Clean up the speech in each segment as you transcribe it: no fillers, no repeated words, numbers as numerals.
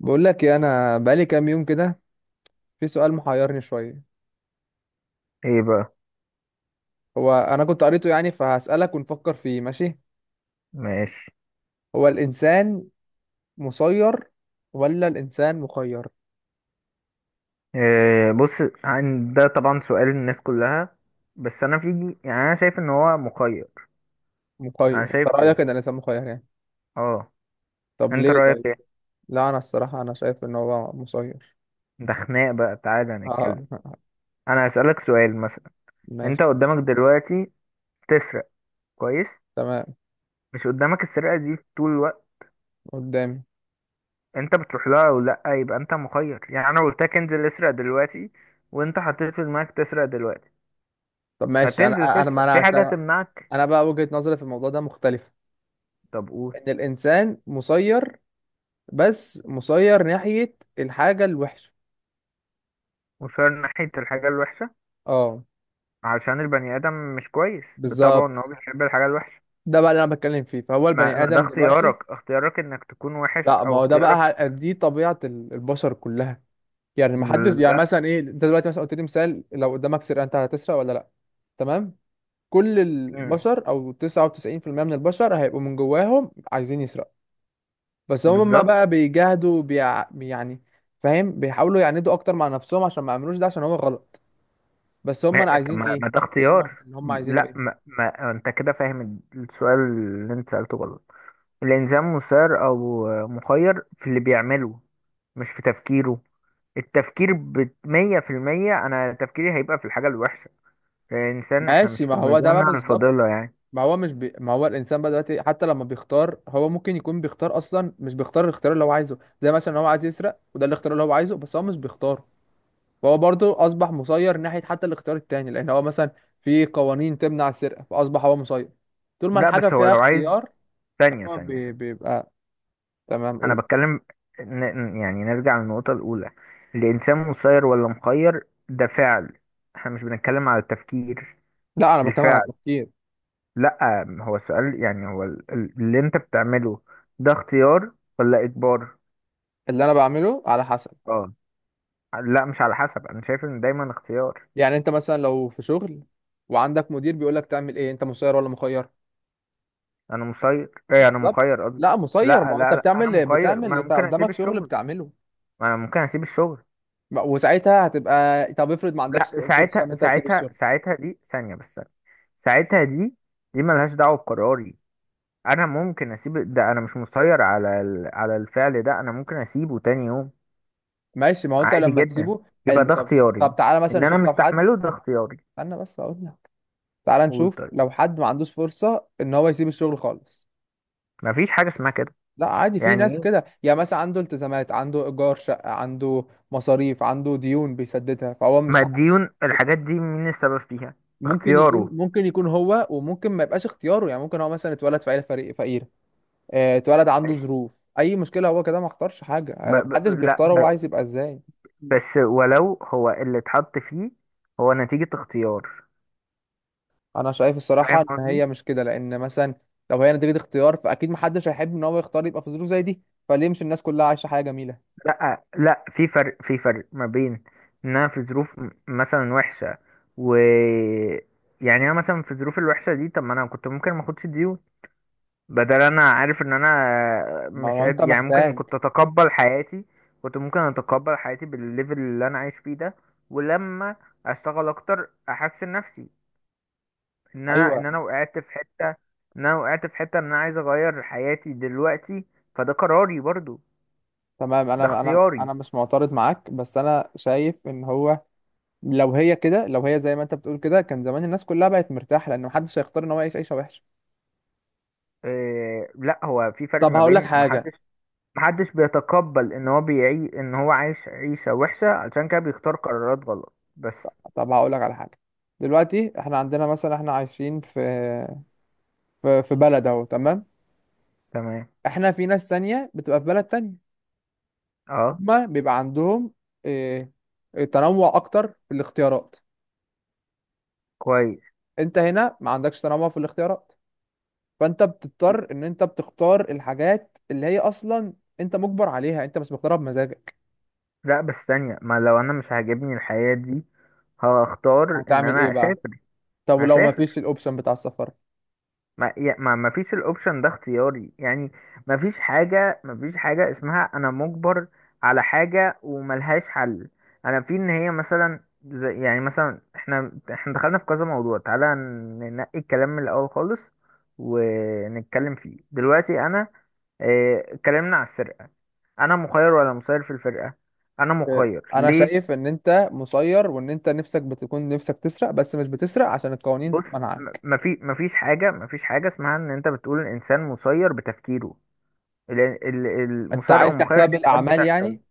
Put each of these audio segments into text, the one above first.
بقول لك إيه، انا بقالي كام يوم كده، في سؤال محيرني شويه. ايه بقى؟ هو انا كنت قريته يعني فهسألك ونفكر فيه. ماشي، ماشي. هو الانسان مسير ولا الانسان مخير؟ إيه؟ بص، عن ده طبعا سؤال الناس كلها، بس انا في انا شايف ان هو مخير. انا مخير؟ انت شايف رأيك كده. ان الانسان مخير يعني؟ اه. طب انت ليه رايك طيب؟ ايه؟ لا انا الصراحه انا شايف ان هو مسير. ده خناق بقى، تعالى اه. نتكلم. انا هسألك سؤال مثلا. انت ماشي. قدامك دلوقتي تسرق. كويس. تمام. مش قدامك السرقة دي طول الوقت؟ قدامي. انت بتروح لها او لا، يبقى انت مخير. انا قلت لك انزل اسرق دلوقتي، وانت حطيت في دماغك تسرق دلوقتي، طب ماشي، هتنزل انا انا ما تسرق؟ في حاجة انا هتمنعك؟ انا بقى وجهة نظري في الموضوع ده مختلفه. طب قول. ان الانسان مسير، بس مسير ناحيه الحاجه الوحشه. وشار ناحية الحاجة الوحشة. اه، عشان البني آدم مش كويس بطبعه، ان هو بالظبط. بيحب الحاجة الوحشة. ده بقى اللي انا بتكلم فيه، فهو ما, البني ما ده ادم دلوقتي. اختيارك، اختيارك انك تكون وحش لا ما او هو ده اختيارك. بقى دي طبيعه البشر كلها. يعني ما حدش، يعني لا. مثلا ايه، انت دلوقتي مثلا قلت لي مثال، لو قدامك سرقه انت هتسرق ولا لا؟ تمام. كل مم. البشر او 99% من البشر هيبقوا من جواهم عايزين يسرقوا. بس هم بالظبط. بقى بيجاهدوا يعني، فاهم، بيحاولوا يعندوا اكتر مع نفسهم عشان ما يعملوش ده عشان هو غلط. بس هم ما, طب عايزين ما, ايه؟ ما ده هم اختيار؟ اللي هم عايزينه لا ايه؟ ما انت كده فاهم السؤال اللي انت سألته غلط. الانسان مسير او مخير في اللي بيعمله، مش في تفكيره. التفكير بمية في المية انا تفكيري هيبقى في الحاجة الوحشة. الانسان احنا مش ماشي، ما في هو ده بقى المدينة بالظبط. الفاضلة ما هو مش بي... ما هو الانسان بقى دلوقتي حتى لما بيختار، هو ممكن يكون بيختار اصلا، مش بيختار الاختيار اللي هو عايزه. زي مثلا هو عايز يسرق وده الاختيار اللي هو عايزه، بس هو مش بيختاره. فهو برضه اصبح مسير ناحيه حتى الاختيار التاني، لان هو مثلا في قوانين تمنع السرقه، فاصبح هو مسير طول ما لا الحاجه بس هو فيها لو عايز، اختيار. ثانية ثانية ثانية، بيبقى. تمام، انا قول. بتكلم. يعني نرجع للنقطة الاولى. الانسان مسير ولا مخير ده فعل، احنا مش بنتكلم على التفكير. لا انا بتكلم على الفعل. التفكير. لا هو السؤال هو اللي انت بتعمله ده اختيار ولا اجبار؟ اللي انا بعمله على حسب. اه. لا مش على حسب، انا شايف ان دايما اختيار. يعني انت مثلا لو في شغل وعندك مدير بيقول لك تعمل ايه، انت مسير ولا مخير؟ انا مسير، ايه انا بالظبط، مخير قصدي. لا مسير، ما لا هو انت لا لا انا بتعمل مخير، ما بتعمل انا انت ممكن اسيب قدامك شغل الشغل، بتعمله. ما انا ممكن اسيب الشغل. وساعتها هتبقى، طب افرض ما عندكش لا فرصه ساعتها ان انت تسيب ساعتها الشغل؟ ساعتها دي ثانية بس ثانية. ساعتها دي، دي ملهاش دعوة بقراري. انا ممكن اسيب ده، انا مش مسير على على الفعل ده، انا ممكن اسيبه تاني يوم. ماشي، ما هو انت عادي لما جدا. تسيبه يبقى حلو. ده طب طب اختياري، تعالى مثلا ان انا نشوف لو حد، مستحمله ده اختياري. استنى بس اقول لك، تعالى قول نشوف طيب. لو حد ما عندوش فرصه ان هو يسيب الشغل خالص. مفيش حاجه اسمها كده. لا عادي، في يعني ناس ايه؟ كده، يعني مثلا عنده التزامات، عنده ايجار شقه، عنده مصاريف، عنده ديون بيسددها، فهو ما مش عارف. الديون الحاجات دي مين السبب فيها؟ ممكن يكون، اختياره. ممكن يكون هو، وممكن ما يبقاش اختياره. يعني ممكن هو مثلا اتولد في عيله فقيره. آه، اتولد عنده ماشي. ظروف، اي مشكله هو كده ما اختارش حاجه. ب... انا ب... محدش لا بيختار ب... هو عايز يبقى ازاي. بس ولو هو اللي اتحط فيه، هو نتيجه اختيار. انا شايف الصراحه فاهم ان قصدي؟ هي مش كده، لان مثلا لو هي نتيجه اختيار، فاكيد محدش هيحب ان هو يختار يبقى في ظروف زي دي. فليه مش الناس كلها عايشه حياه جميله؟ لا، لا في فرق، في فرق ما بين ان انا في ظروف مثلا وحشه و، يعني انا مثلا في الظروف الوحشه دي، طب ما انا كنت ممكن ما اخدش ديون. بدل انا عارف ان انا ما مش هو انت قادر، يعني ممكن محتاج. كنت اتقبل حياتي، كنت ممكن اتقبل حياتي بالليفل اللي انا عايش فيه ده، ولما اشتغل اكتر احسن نفسي. ان انا ايوه. ان انا وقعت في حته، ان انا وقعت في حته، ان انا عايز اغير حياتي دلوقتي، فده قراري برضو. تمام، ده انا انا اختياري. انا مش معترض معاك، بس انا شايف ان هو لو هي كده، لو هي زي ما انت بتقول كده، كان زمان الناس كلها بقت مرتاحه، لان محدش هيختار ان هو يعيش عيشه وحشه. إيه، لا هو في فرق طب ما هقول لك بين، حاجه. محدش، محدش بيتقبل ان هو بيعي ان هو عايش عيشة وحشة علشان كده بيختار قرارات غلط بس. طب هقول لك على حاجه. دلوقتي احنا عندنا مثلا، احنا عايشين في في بلد اهو، تمام. تمام. احنا في ناس تانية بتبقى في بلد تانية. اه. هما بيبقى عندهم إيه، تنوع اكتر في الاختيارات. كويس. انت هنا ما عندكش تنوع في الاختيارات، فانت بتضطر ان انت بتختار الحاجات اللي هي اصلا انت مجبر عليها، انت مش مختارها بمزاجك. لا بس ثانية، ما لو انا مش عاجبني الحياة دي، هختار ان هتعمل ايه انا بقى؟ اسافر، طب لو ما فيش هسافر. الاوبشن بتاع السفر؟ ما يا- ما ما فيش الاوبشن ده اختياري يعني. ما فيش حاجة، ما فيش حاجة اسمها انا مجبر على حاجة وملهاش حل. انا في ان هي مثلا، زي يعني مثلا احنا، احنا دخلنا في كذا موضوع، تعالى ننقي الكلام من الاول خالص ونتكلم فيه دلوقتي. انا آه، اتكلمنا على السرقة، انا مخير ولا مسير في الفرقة؟ انا إيه، مخير انا ليه؟ شايف ان انت مسير وان انت نفسك بتكون نفسك تسرق، بس مش بتسرق عشان القوانين بص، منعك. ما في، ما فيش حاجة، ما فيش حاجة اسمها ان انت بتقول الانسان مسير بتفكيره. لأن انت المسارقة عايز والمخالفة تحسبها دي حاجات بالاعمال بتحصل. يعني؟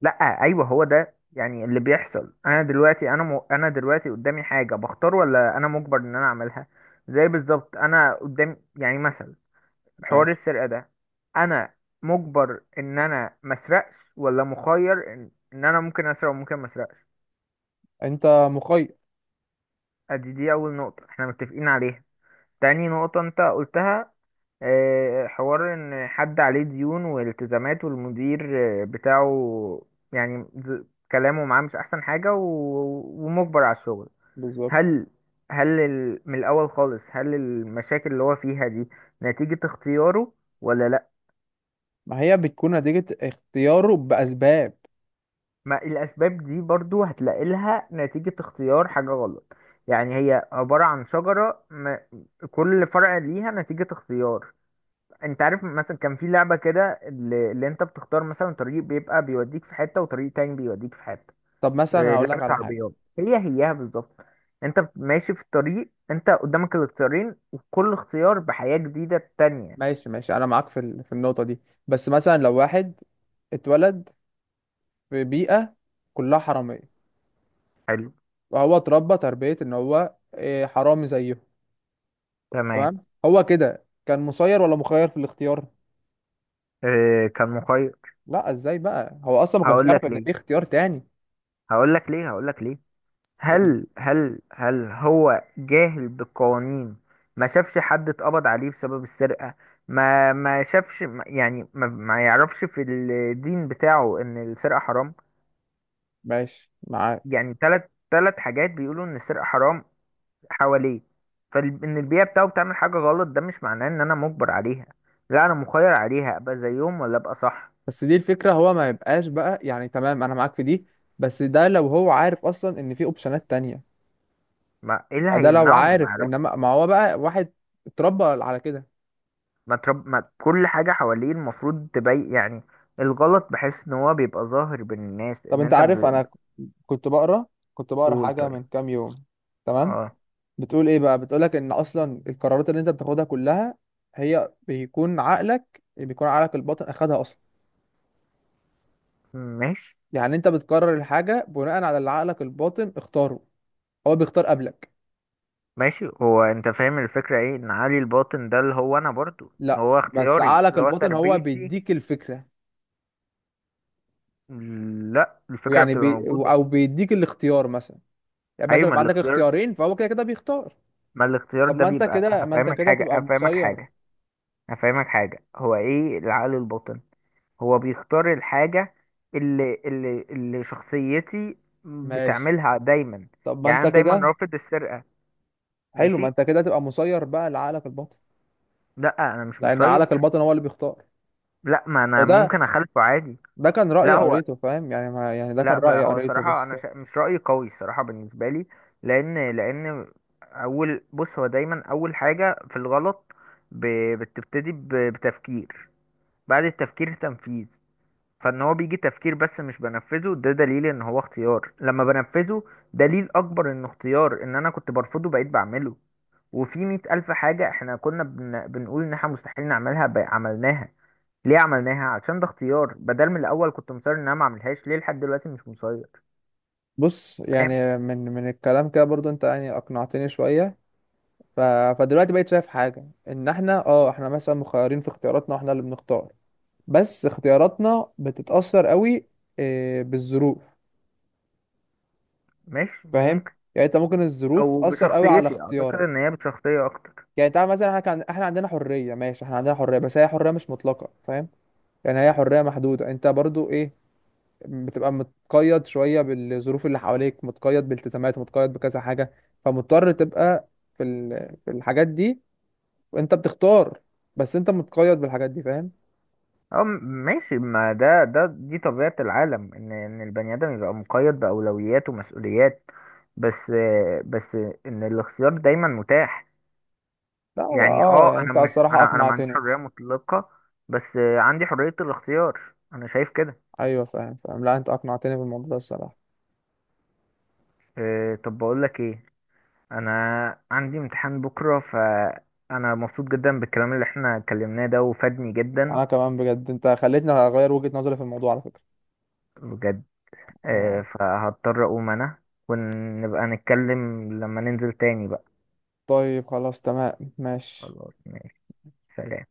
لا ايوه هو ده يعني اللي بيحصل. انا دلوقتي انا انا دلوقتي قدامي حاجة، بختار ولا انا مجبر ان انا اعملها؟ زي بالظبط انا قدام يعني مثلا حوار ماشي. السرقة ده، انا مجبر ان انا ما اسرقش ولا مخير ان إن انا ممكن اسرق وممكن ما اسرقش؟ انت مخير. ادي دي اول نقطة احنا متفقين عليها. تاني نقطة انت قلتها آه، حوار ان حد عليه ديون والتزامات والمدير آه، بتاعه، يعني ز- كلامه معاه مش احسن حاجة ومجبر على الشغل. بالظبط. هل، هل من الاول خالص هل المشاكل اللي هو فيها دي نتيجة اختياره ولا لا؟ ما هي بتكون نتيجة اختياره بأسباب. ما الاسباب دي برضو هتلاقي لها نتيجة اختيار حاجة غلط. يعني هي عبارة عن شجرة كل فرع ليها نتيجة اختيار. انت عارف مثلا كان في لعبة كده اللي انت بتختار مثلا طريق بيبقى بيوديك في حتة وطريق تاني بيوديك في حتة؟ طب مثلا آه، هقول لك لعبة على حاجة. عربيات، هي هيها بالظبط. انت ماشي في الطريق، انت قدامك الاختيارين وكل اختيار بحياة جديدة تانية. ماشي ماشي، أنا معاك في في النقطة دي. بس مثلا لو واحد اتولد في بيئة كلها حرامية، حلو. وهو اتربى تربية إن هو إيه، حرامي زيهم. تمام. تمام. هو كده كان مسير ولا مخير في الاختيار؟ اه كان مخير. لا، إزاي بقى، هو أصلا ما كانش هقول يعرف لك إن ليه، في اختيار تاني. هقول لك ليه، هقول لك ليه. هو- هل هل هل هو جاهل بالقوانين؟ ما شافش حد اتقبض عليه بسبب السرقة؟ ما ما شافش ما- يعني ما يعرفش في الدين بتاعه ان السرقة حرام؟ ماشي معاك. يعني ثلاث، 3 حاجات بيقولوا ان السرقة حرام حواليه. فان البيئة بتاعه بتعمل حاجة غلط ده مش معناه ان انا مجبر عليها، لا انا مخير عليها ابقى زيهم ولا ابقى صح. بس دي الفكرة، هو ما يبقاش بقى، يعني تمام أنا معاك في دي، بس ده لو هو عارف أصلا إن في أوبشنات تانية. ما ايه اللي ده لو هيمنعه انه ما عارف، يعرفش؟ انما ما هو بقى واحد اتربى على كده. ما كل حاجة حواليه المفروض تبين يعني الغلط، بحس ان هو بيبقى ظاهر بين الناس طب ان انت انت عارف، انا كنت بقرا، كنت بقرا قول حاجه طيب. من كام يوم. تمام. اه. بتقول ايه بقى؟ بتقولك ان اصلا القرارات اللي انت بتاخدها كلها، هي بيكون عقلك الباطن اخدها اصلا. ماشي، يعني انت بتقرر الحاجه بناء على اللي عقلك الباطن اختاره، هو بيختار قبلك. ماشي. هو انت فاهم الفكرة ايه ان علي الباطن ده اللي هو انا برضو، ان لا هو بس اختياري عقلك اللي هو الباطن هو تربيتي. بيديك الفكره، لا الفكرة ويعني بتبقى بي موجودة. او بيديك الاختيار مثلا. يعني ايوه مثلا ما بيبقى عندك الاختيار، اختيارين، فهو كده كده بيختار. ما الاختيار طب ده ما انت بيبقى، كده، ما انت هفهمك كده حاجة، هتبقى هفهمك مسير. حاجة، هفهمك حاجة، هو ايه العقل الباطن؟ هو بيختار الحاجة اللي اللي شخصيتي ماشي. بتعملها دايما. طب ما يعني انت انا دايما كده. رافض السرقة. حلو، ما ماشي. انت كده هتبقى مسير بقى لعقلك الباطن، لا انا مش لان مسير. عقلك الباطن هو اللي بيختار. لا ما انا وده، ممكن اخالفه عادي. ده كان رأي لا هو، قريته. فاهم يعني، ما يعني ده كان لا رأي بقى هو قريته صراحة بس. انا مش رأيي قوي الصراحة بالنسبة لي. لان، لان، اول، بص هو دايما اول حاجة في الغلط ب... بتبتدي بتفكير، بعد التفكير تنفيذ. فان هو بيجي تفكير بس مش بنفذه ده دليل ان هو اختيار. لما بنفذه دليل اكبر انه اختيار، ان انا كنت برفضه بقيت بعمله. وفي 100 ألف حاجة احنا كنا بنقول ان احنا مستحيل نعملها بقى عملناها. ليه عملناها؟ عشان ده اختيار. بدل من الاول كنت مصر ان انا ما اعملهاش ليه لحد دلوقتي؟ مش مصير. بص، فاهم. يعني من الكلام كده برضو، انت يعني اقنعتني شوية. ف... فدلوقتي بقيت شايف حاجة، ان احنا اه احنا مثلا مخيرين في اختياراتنا واحنا اللي بنختار، بس اختياراتنا بتتأثر قوي، اه، بالظروف. ماشي، فاهم؟ ممكن. يعني انت ممكن الظروف او تأثر قوي على بشخصيتي، اعتقد اختيارك. ان هي بشخصية اكتر. يعني تعال مثلا احنا كان احنا عندنا حريه. ماشي، احنا عندنا حريه، بس هي حريه مش مطلقه، فاهم؟ يعني هي حريه محدوده، انت برضو ايه، بتبقى متقيد شويه بالظروف اللي حواليك، متقيد بالتزامات، متقيد بكذا حاجه، فمضطر تبقى في الحاجات دي، وانت بتختار، بس انت متقيد بالحاجات دي، فاهم؟ اه ماشي، ما ده ده دي طبيعة العالم ان ان البني ادم يبقى مقيد بأولويات ومسؤوليات. بس، بس ان الاختيار دايما متاح. لا يعني اه، اه يعني انا انت مش الصراحه انا، انا ما عنديش اقنعتني. حرية مطلقة بس عندي حرية الاختيار. انا شايف كده. ايوه، فاهم. لا انت اقنعتني بالموضوع ده الصراحه. اه، طب بقول لك ايه، انا عندي امتحان بكرة، فانا مبسوط جدا بالكلام اللي احنا اتكلمناه ده وفادني جدا. انا كمان بجد انت خليتني اغير وجهه نظري في الموضوع على فكره. بجد. اه. اه، فهضطر اقوم انا، ونبقى نتكلم لما ننزل تاني بقى. طيب خلاص، تمام، ماشي. خلاص ماشي. سلام.